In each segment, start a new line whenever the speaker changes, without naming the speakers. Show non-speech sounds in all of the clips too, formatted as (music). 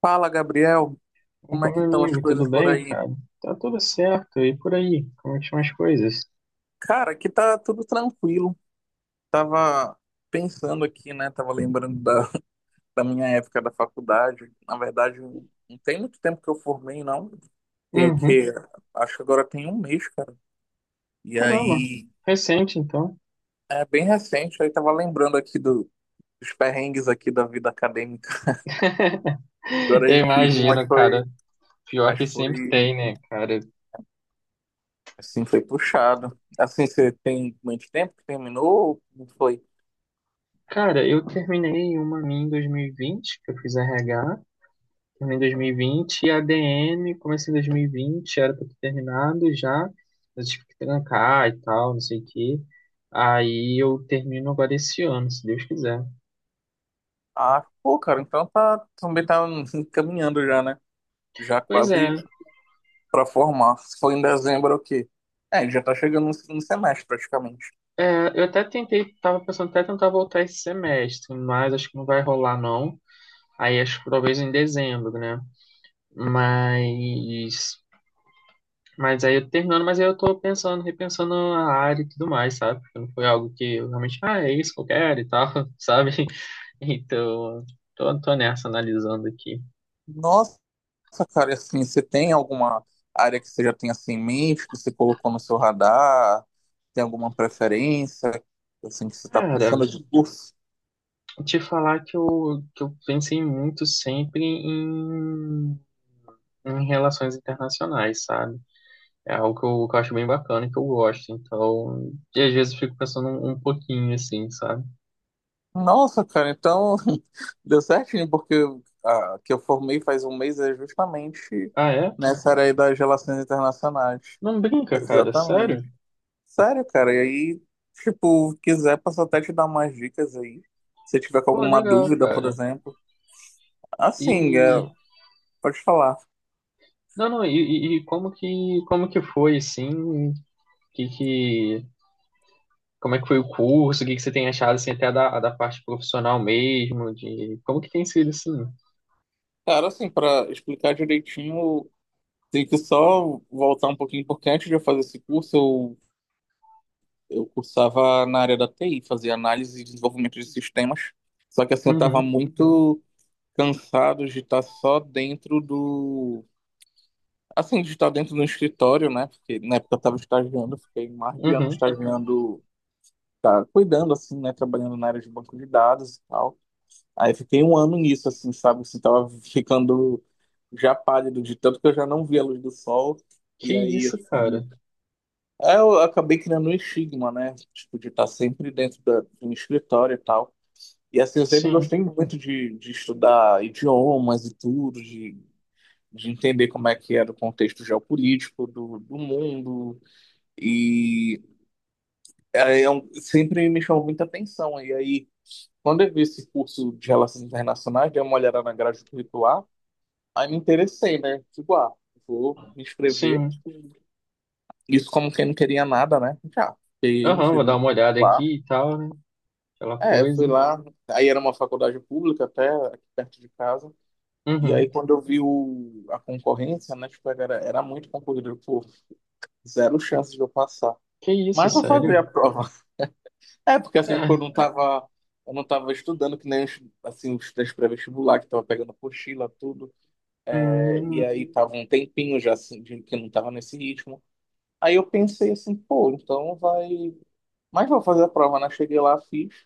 Fala, Gabriel. Como é
Opa,
que
meu
estão as
amigo, tudo
coisas por
bem,
aí?
cara? Tá tudo certo. E por aí, como é que estão as coisas?
Cara, aqui tá tudo tranquilo. Tava pensando aqui, né? Tava lembrando (laughs) da minha época da faculdade. Na verdade, não tem muito tempo que eu formei, não. Tem o
Uhum.
quê? Acho que agora tem um mês, cara. E
Caramba,
aí,
recente então.
é bem recente. Aí tava lembrando aqui dos perrengues aqui da vida acadêmica.
(laughs)
Agora a
Eu
gente riu, mas
imagino, cara.
foi,
Pior
mas
que sempre
foi,
tem, né, cara?
assim, foi puxado. Assim, você tem muito tempo que terminou? Não foi?
Cara, eu terminei uma minha em 2020, que eu fiz RH, terminei em 2020, e vinte, e a DM comecei em 2020, era pra ter terminado já, eu tive que trancar e tal, não sei o quê. Aí eu termino agora esse ano, se Deus quiser.
Ah, pô, cara, então tá, também tá (laughs) caminhando já, né? Já
Pois
quase
é.
pra formar. Se for em dezembro, é o quê? É, já tá chegando no segundo semestre, praticamente.
É, eu até tentei, tava pensando até tentar voltar esse semestre, mas acho que não vai rolar não. Aí acho que talvez em dezembro, né? Mas, mas aí eu terminando, mas aí eu tô pensando, repensando a área e tudo mais, sabe? Porque não foi algo que eu realmente, ah, é isso que eu quero e tal, (laughs) sabe? Então, tô nessa analisando aqui.
Nossa, cara, e assim, você tem alguma área que você já tem assim em mente, que você colocou no seu radar? Tem alguma preferência, assim, que você tá
Cara,
pensando de curso?
te falar que que eu pensei muito sempre em, em relações internacionais, sabe? É algo que que eu acho bem bacana e que eu gosto. Então, e às vezes eu fico pensando um pouquinho assim, sabe?
Nossa, cara, então (laughs) deu certinho, porque a que eu formei faz um mês é justamente
Ah, é?
nessa área aí das relações internacionais.
Não brinca, cara, sério?
Exatamente. Sério, cara, e aí, tipo, quiser, posso até te dar umas dicas aí. Se tiver com
Pô,
alguma
legal,
dúvida, por
cara.
exemplo. Assim, é,
E
pode falar.
não, não, e como que foi assim? Que como é que foi o curso? O que que você tem achado assim até da, da parte profissional mesmo, de como que tem sido assim?
Cara, assim, pra explicar direitinho, tem que só voltar um pouquinho, porque antes de eu fazer esse curso, eu cursava na área da TI, fazia análise e desenvolvimento de sistemas. Só que, assim, eu tava
Uhum,
muito cansado de estar só dentro do. Assim, de estar dentro do escritório, né? Porque na época eu tava estagiando, eu fiquei mais de ano
uhum.
estagiando, tá cuidando, assim, né? Trabalhando na área de banco de dados e tal. Aí fiquei um ano nisso, assim, sabe? Assim, tava ficando já pálido de tanto que eu já não via a luz do sol.
Que
E aí,
isso,
assim,
cara?
aí eu acabei criando um estigma, né? Tipo, de estar sempre dentro do escritório e tal. E assim, eu sempre
Sim,
gostei muito de estudar idiomas e tudo, de entender como é que era o contexto geopolítico do mundo. E sempre me chamou muita atenção. E aí, quando eu vi esse curso de Relações Internacionais, dei uma olhada na grade curricular, aí me interessei, né? Tipo, ah, vou me inscrever.
sim.
Isso como quem não queria nada, né? Já, peguei, me
Aham, vou
inscrevi
dar
no
uma olhada
curricular.
aqui e tal, né? Aquela
É,
coisa.
fui lá, aí era uma faculdade pública até, aqui perto de casa. E aí
Uhum.
quando eu vi a concorrência, né? Tipo, era muito concorrido, pô, zero chance de eu passar.
Que isso,
Mas vou
sério?
fazer a prova. (laughs) É, porque assim, tipo, eu não
É.
tava, eu não tava estudando que nem, assim, os testes pré-vestibular, que tava pegando apostila, tudo.
Hum,
E aí tava um tempinho já assim, que não tava nesse ritmo. Aí eu pensei assim, pô, então vai. Mas vou fazer a prova, né? Cheguei lá, fiz.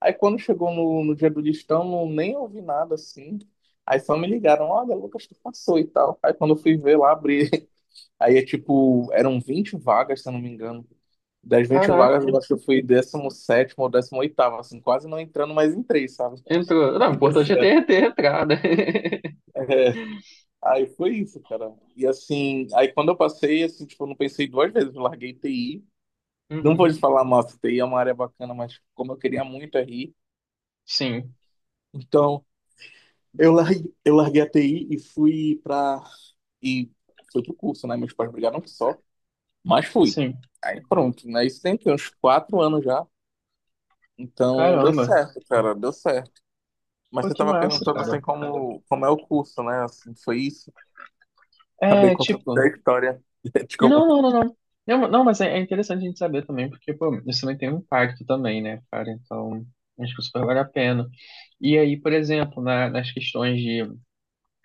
Aí quando chegou no dia do listão, não, nem ouvi nada assim. Aí só me ligaram, olha, Lucas, tu passou e tal. Aí quando eu fui ver lá, abri. (laughs) Aí é tipo, eram 20 vagas, se eu não me engano. Das 20 vagas,
caraca.
eu acho que eu fui 17º ou 18º assim, quase não entrando, mas entrei, sabe?
Entrou.
(laughs)
Não, o
Aí deu
importante é ter,
certo.
ter entrada. (laughs)
É. Aí foi isso, cara. E assim, aí quando eu passei, assim, tipo, eu não pensei duas vezes, eu larguei TI. Não vou
Uhum.
te falar, nossa, TI é uma área bacana, mas como eu queria muito RI,
Sim,
então eu larguei a TI e fui pra. E fui pro curso, né? Meus pais brigaram que só, mas fui.
sim.
Aí pronto, né? Isso tem que uns 4 anos já. Então deu
Caramba.
certo, cara, deu certo. Mas
Pô,
você
que
tava
massa,
perguntando
cara.
assim como é o curso, né? Assim, foi isso. Acabei
É,
contando
tipo. Não,
até a história (laughs) de
não,
como.
não, não. Não, não, mas é, é interessante a gente saber também, porque, pô, isso também tem um impacto também, né, cara? Então, acho que super vale a pena. E aí, por exemplo, nas questões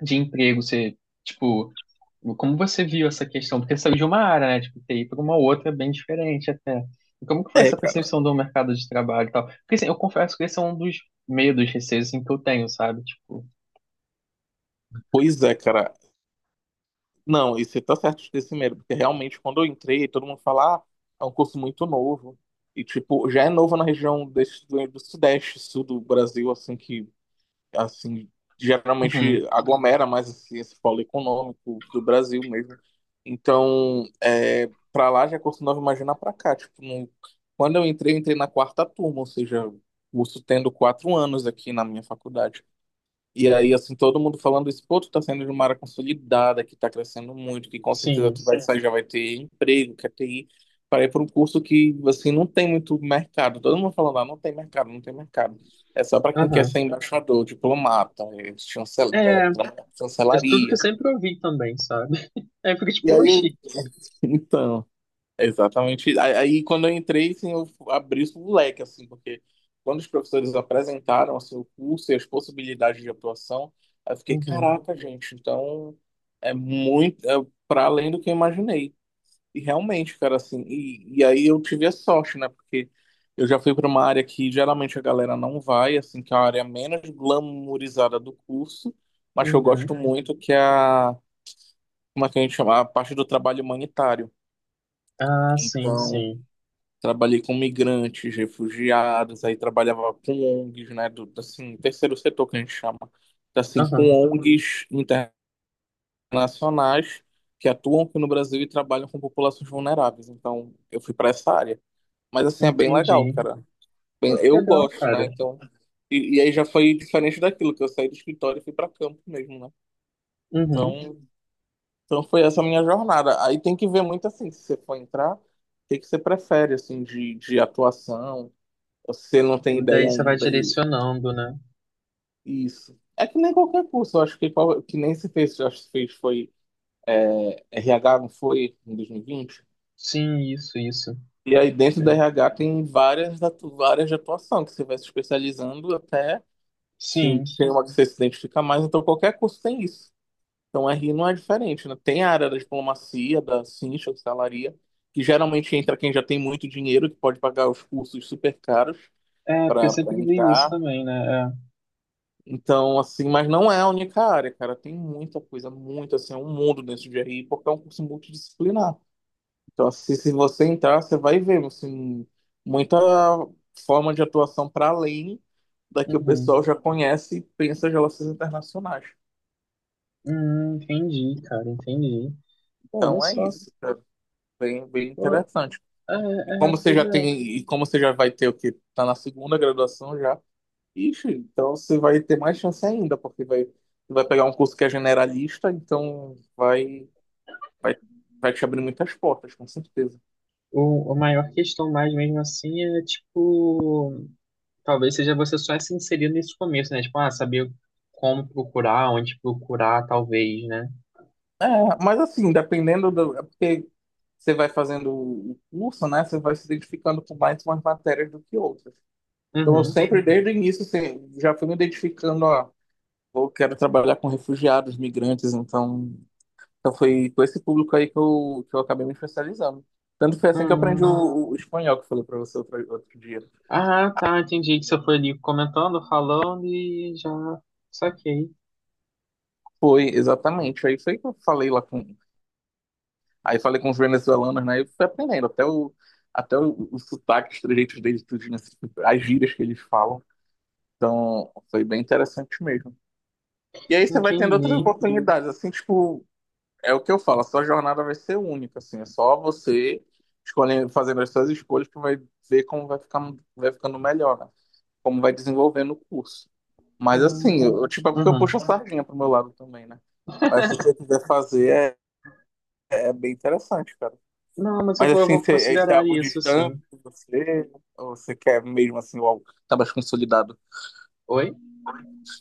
de emprego, você, tipo. Como você viu essa questão? Porque saiu de uma área, né? Tipo, TI para uma outra é bem diferente até. E como que foi
É,
essa
cara.
percepção do mercado de trabalho e tal? Porque assim, eu confesso que esse é um dos medos, receios assim, que eu tenho, sabe? Tipo,
Pois é, cara. Não, e você tá certo de ter esse medo, porque realmente quando eu entrei, todo mundo fala, ah, é um curso muito novo. E, tipo, já é novo na região desse, do Sudeste, Sul do Brasil, assim, que, assim,
uhum.
geralmente aglomera mais assim, esse polo econômico do Brasil mesmo. Então, é, pra lá já é curso novo, imagina pra cá. Tipo, quando eu entrei na quarta turma, ou seja, o curso tendo 4 anos aqui na minha faculdade. E aí, assim, todo mundo falando isso, pô, tu tá saindo de uma área consolidada, que tá crescendo muito, que com certeza
Sim.
tu vai sair, já vai ter emprego, quer ter ir para ir para um curso que, assim, não tem muito mercado. Todo mundo falando, ah, não tem mercado, não tem mercado. É só para quem quer
Aham.
ser embaixador, diplomata, eh, chancel- da-
É,
da
é tudo que
chancelaria.
eu sempre ouvi também, sabe? (laughs) Aí porque
E
tipo,
aí,
oxi.
então, exatamente. Aí, quando eu entrei, assim, eu abri o leque, assim, porque quando os professores apresentaram, assim, o curso e as possibilidades de atuação, aí eu fiquei,
Uhum,
caraca, gente, então é muito, é para além do que eu imaginei. E realmente, cara, assim, e aí eu tive a sorte, né, porque eu já fui para uma área que geralmente a galera não vai, assim, que é a área menos glamourizada do curso, mas que eu gosto
uhum.
muito, que é a, como é que a gente chama? A parte do trabalho humanitário.
Ah, sim,
Então,
sim.
trabalhei com migrantes, refugiados, aí trabalhava com ONGs, né, do, assim, terceiro setor que a gente chama. Então, assim,
Aham,
com ONGs internacionais que atuam aqui no Brasil e trabalham com populações vulneráveis. Então, eu fui para essa área. Mas assim é bem legal,
entendi.
cara. Bem,
Pô, que
eu
legal,
gosto, né?
cara.
Então, e aí já foi diferente daquilo que eu saí do escritório e fui para campo mesmo, né?
Uhum.
Então, então, foi essa a minha jornada. Aí tem que ver muito assim, se você for entrar, o que que você prefere assim de atuação. Você não tem ideia
Daí você vai
ainda.
direcionando, né?
Isso. É que nem qualquer curso, eu acho que, que nem se fez, eu acho que fez foi RH, não foi, em 2020? E vinte.
Sim, isso, isso.
E aí dentro da RH tem várias de atuação, que você vai se especializando até, assim,
Sim.
tem uma que você se identifica mais, então qualquer curso tem isso. Então RI não é diferente, né? Tem a área da diplomacia, da cincha, da que geralmente entra quem já tem muito dinheiro, que pode pagar os cursos super caros
É, porque eu
para
sempre vi isso
entrar.
também, né? É.
Então, assim, mas não é a única área, cara. Tem muita coisa, muito, assim, é um mundo dentro de RI, porque é um curso multidisciplinar. Então, assim, se você entrar, você vai ver, assim, muita forma de atuação para além da que o
Uhum.
pessoal já conhece e pensa as relações internacionais.
Entendi, cara, entendi. Pô, olha
Então, é
só.
isso, cara. Bem, bem
Pô,
interessante.
é, é, pois é.
E como você já vai ter o quê? Tá na segunda graduação já. Ixi, então você vai ter mais chance ainda, porque vai pegar um curso que é generalista, então Vai, vai te abrir muitas portas, com certeza.
O, a maior questão mais mesmo assim é, tipo, talvez seja você só se inserir nesse começo, né? Tipo, ah, saber como procurar, onde procurar, talvez, né?
É, mas assim, dependendo do. É porque você vai fazendo o curso, né? Você vai se identificando com mais umas matérias do que outras. Então, eu
Uhum.
sempre, desde o início, assim, já fui me identificando, ó, eu quero trabalhar com refugiados, migrantes, então, foi com esse público aí que eu acabei me especializando. Tanto foi assim que eu aprendi
Hum.
o espanhol, que eu falei para você outro dia.
Ah, tá, entendi que você foi ali comentando, falando e já saquei.
Foi, exatamente. Aí foi que eu falei lá com, Aí falei com os venezuelanos, né? E fui aprendendo até o sotaque, os trejeitos deles, tudo, né? As gírias que eles falam. Então, foi bem interessante mesmo. E aí você vai tendo outras
Entendi.
oportunidades, assim, tipo, é o que eu falo, a sua jornada vai ser única, assim, é só você escolhendo, fazendo as suas escolhas que vai ver como vai ficar, vai ficando melhor, né? Como vai desenvolvendo o curso. Mas
Hum.
assim, eu, tipo, é porque eu puxo a
Uhum.
sardinha pro meu lado também, né? Mas se você quiser fazer, é bem interessante, cara.
Não, mas
Mas
eu
assim,
vou
esse é
considerar
algo
isso,
distante
sim.
de você? Ou você quer mesmo assim algo que tá mais consolidado?
Oi?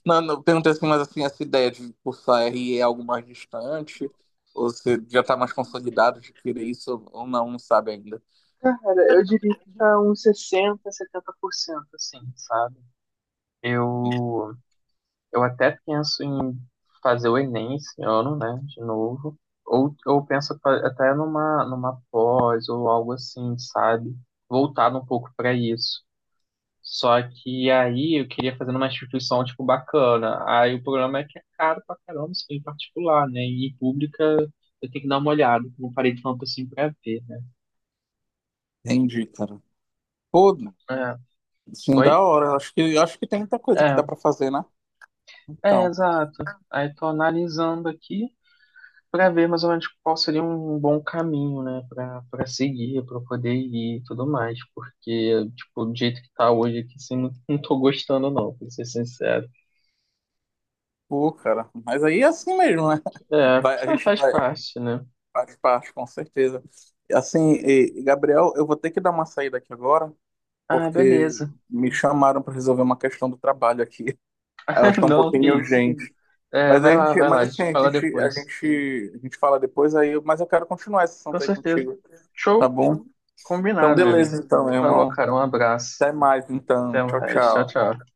Não, não, eu perguntei assim, mas assim, essa ideia de cursar RI é algo mais distante? Ou você já tá mais consolidado de querer isso ou não, não sabe ainda?
Cara, eu diria que tá uns 60 70% assim, sabe? Eu, eu até penso em fazer o Enem esse ano, né, de novo. Ou eu penso até numa pós ou algo assim, sabe? Voltado um pouco para isso. Só que aí eu queria fazer numa instituição, tipo, bacana. Aí o problema é que é caro pra caramba, isso em particular, né? E em pública eu tenho que dar uma olhada, que eu não parei tanto assim pra ver, né?
Entendi, cara. Pô,
É.
assim, da
Oi?
hora. Acho que tem muita coisa que
É.
dá pra fazer, né?
É,
Então,
exato. Aí tô analisando aqui para ver mais ou menos qual seria um bom caminho, né, para seguir, para poder ir e tudo mais, porque tipo, do jeito que tá hoje aqui, assim, não tô gostando não, pra ser sincero.
pô, cara. Mas aí é assim mesmo, né? (laughs)
É,
Vai, a
mas
gente
faz
vai,
parte, né?
faz parte, com certeza. Assim, assim, e, Gabriel, eu vou ter que dar uma saída aqui agora,
Ah,
porque
beleza.
me chamaram para resolver uma questão do trabalho aqui. (laughs) Eu acho que
(laughs)
é um
Não, que
pouquinho
isso.
urgente.
É, vai lá,
Mas
a
assim,
gente
a
fala
gente, a
depois.
gente, a gente fala depois aí, mas eu quero continuar essa sessão
Com
aí
certeza.
contigo, tá
Show?
bom? Então,
Combinado, meu
beleza,
amigo.
então, meu
Falou,
irmão.
cara, um abraço.
Até mais, então.
Até
Tchau,
mais. Tchau,
tchau.
tchau.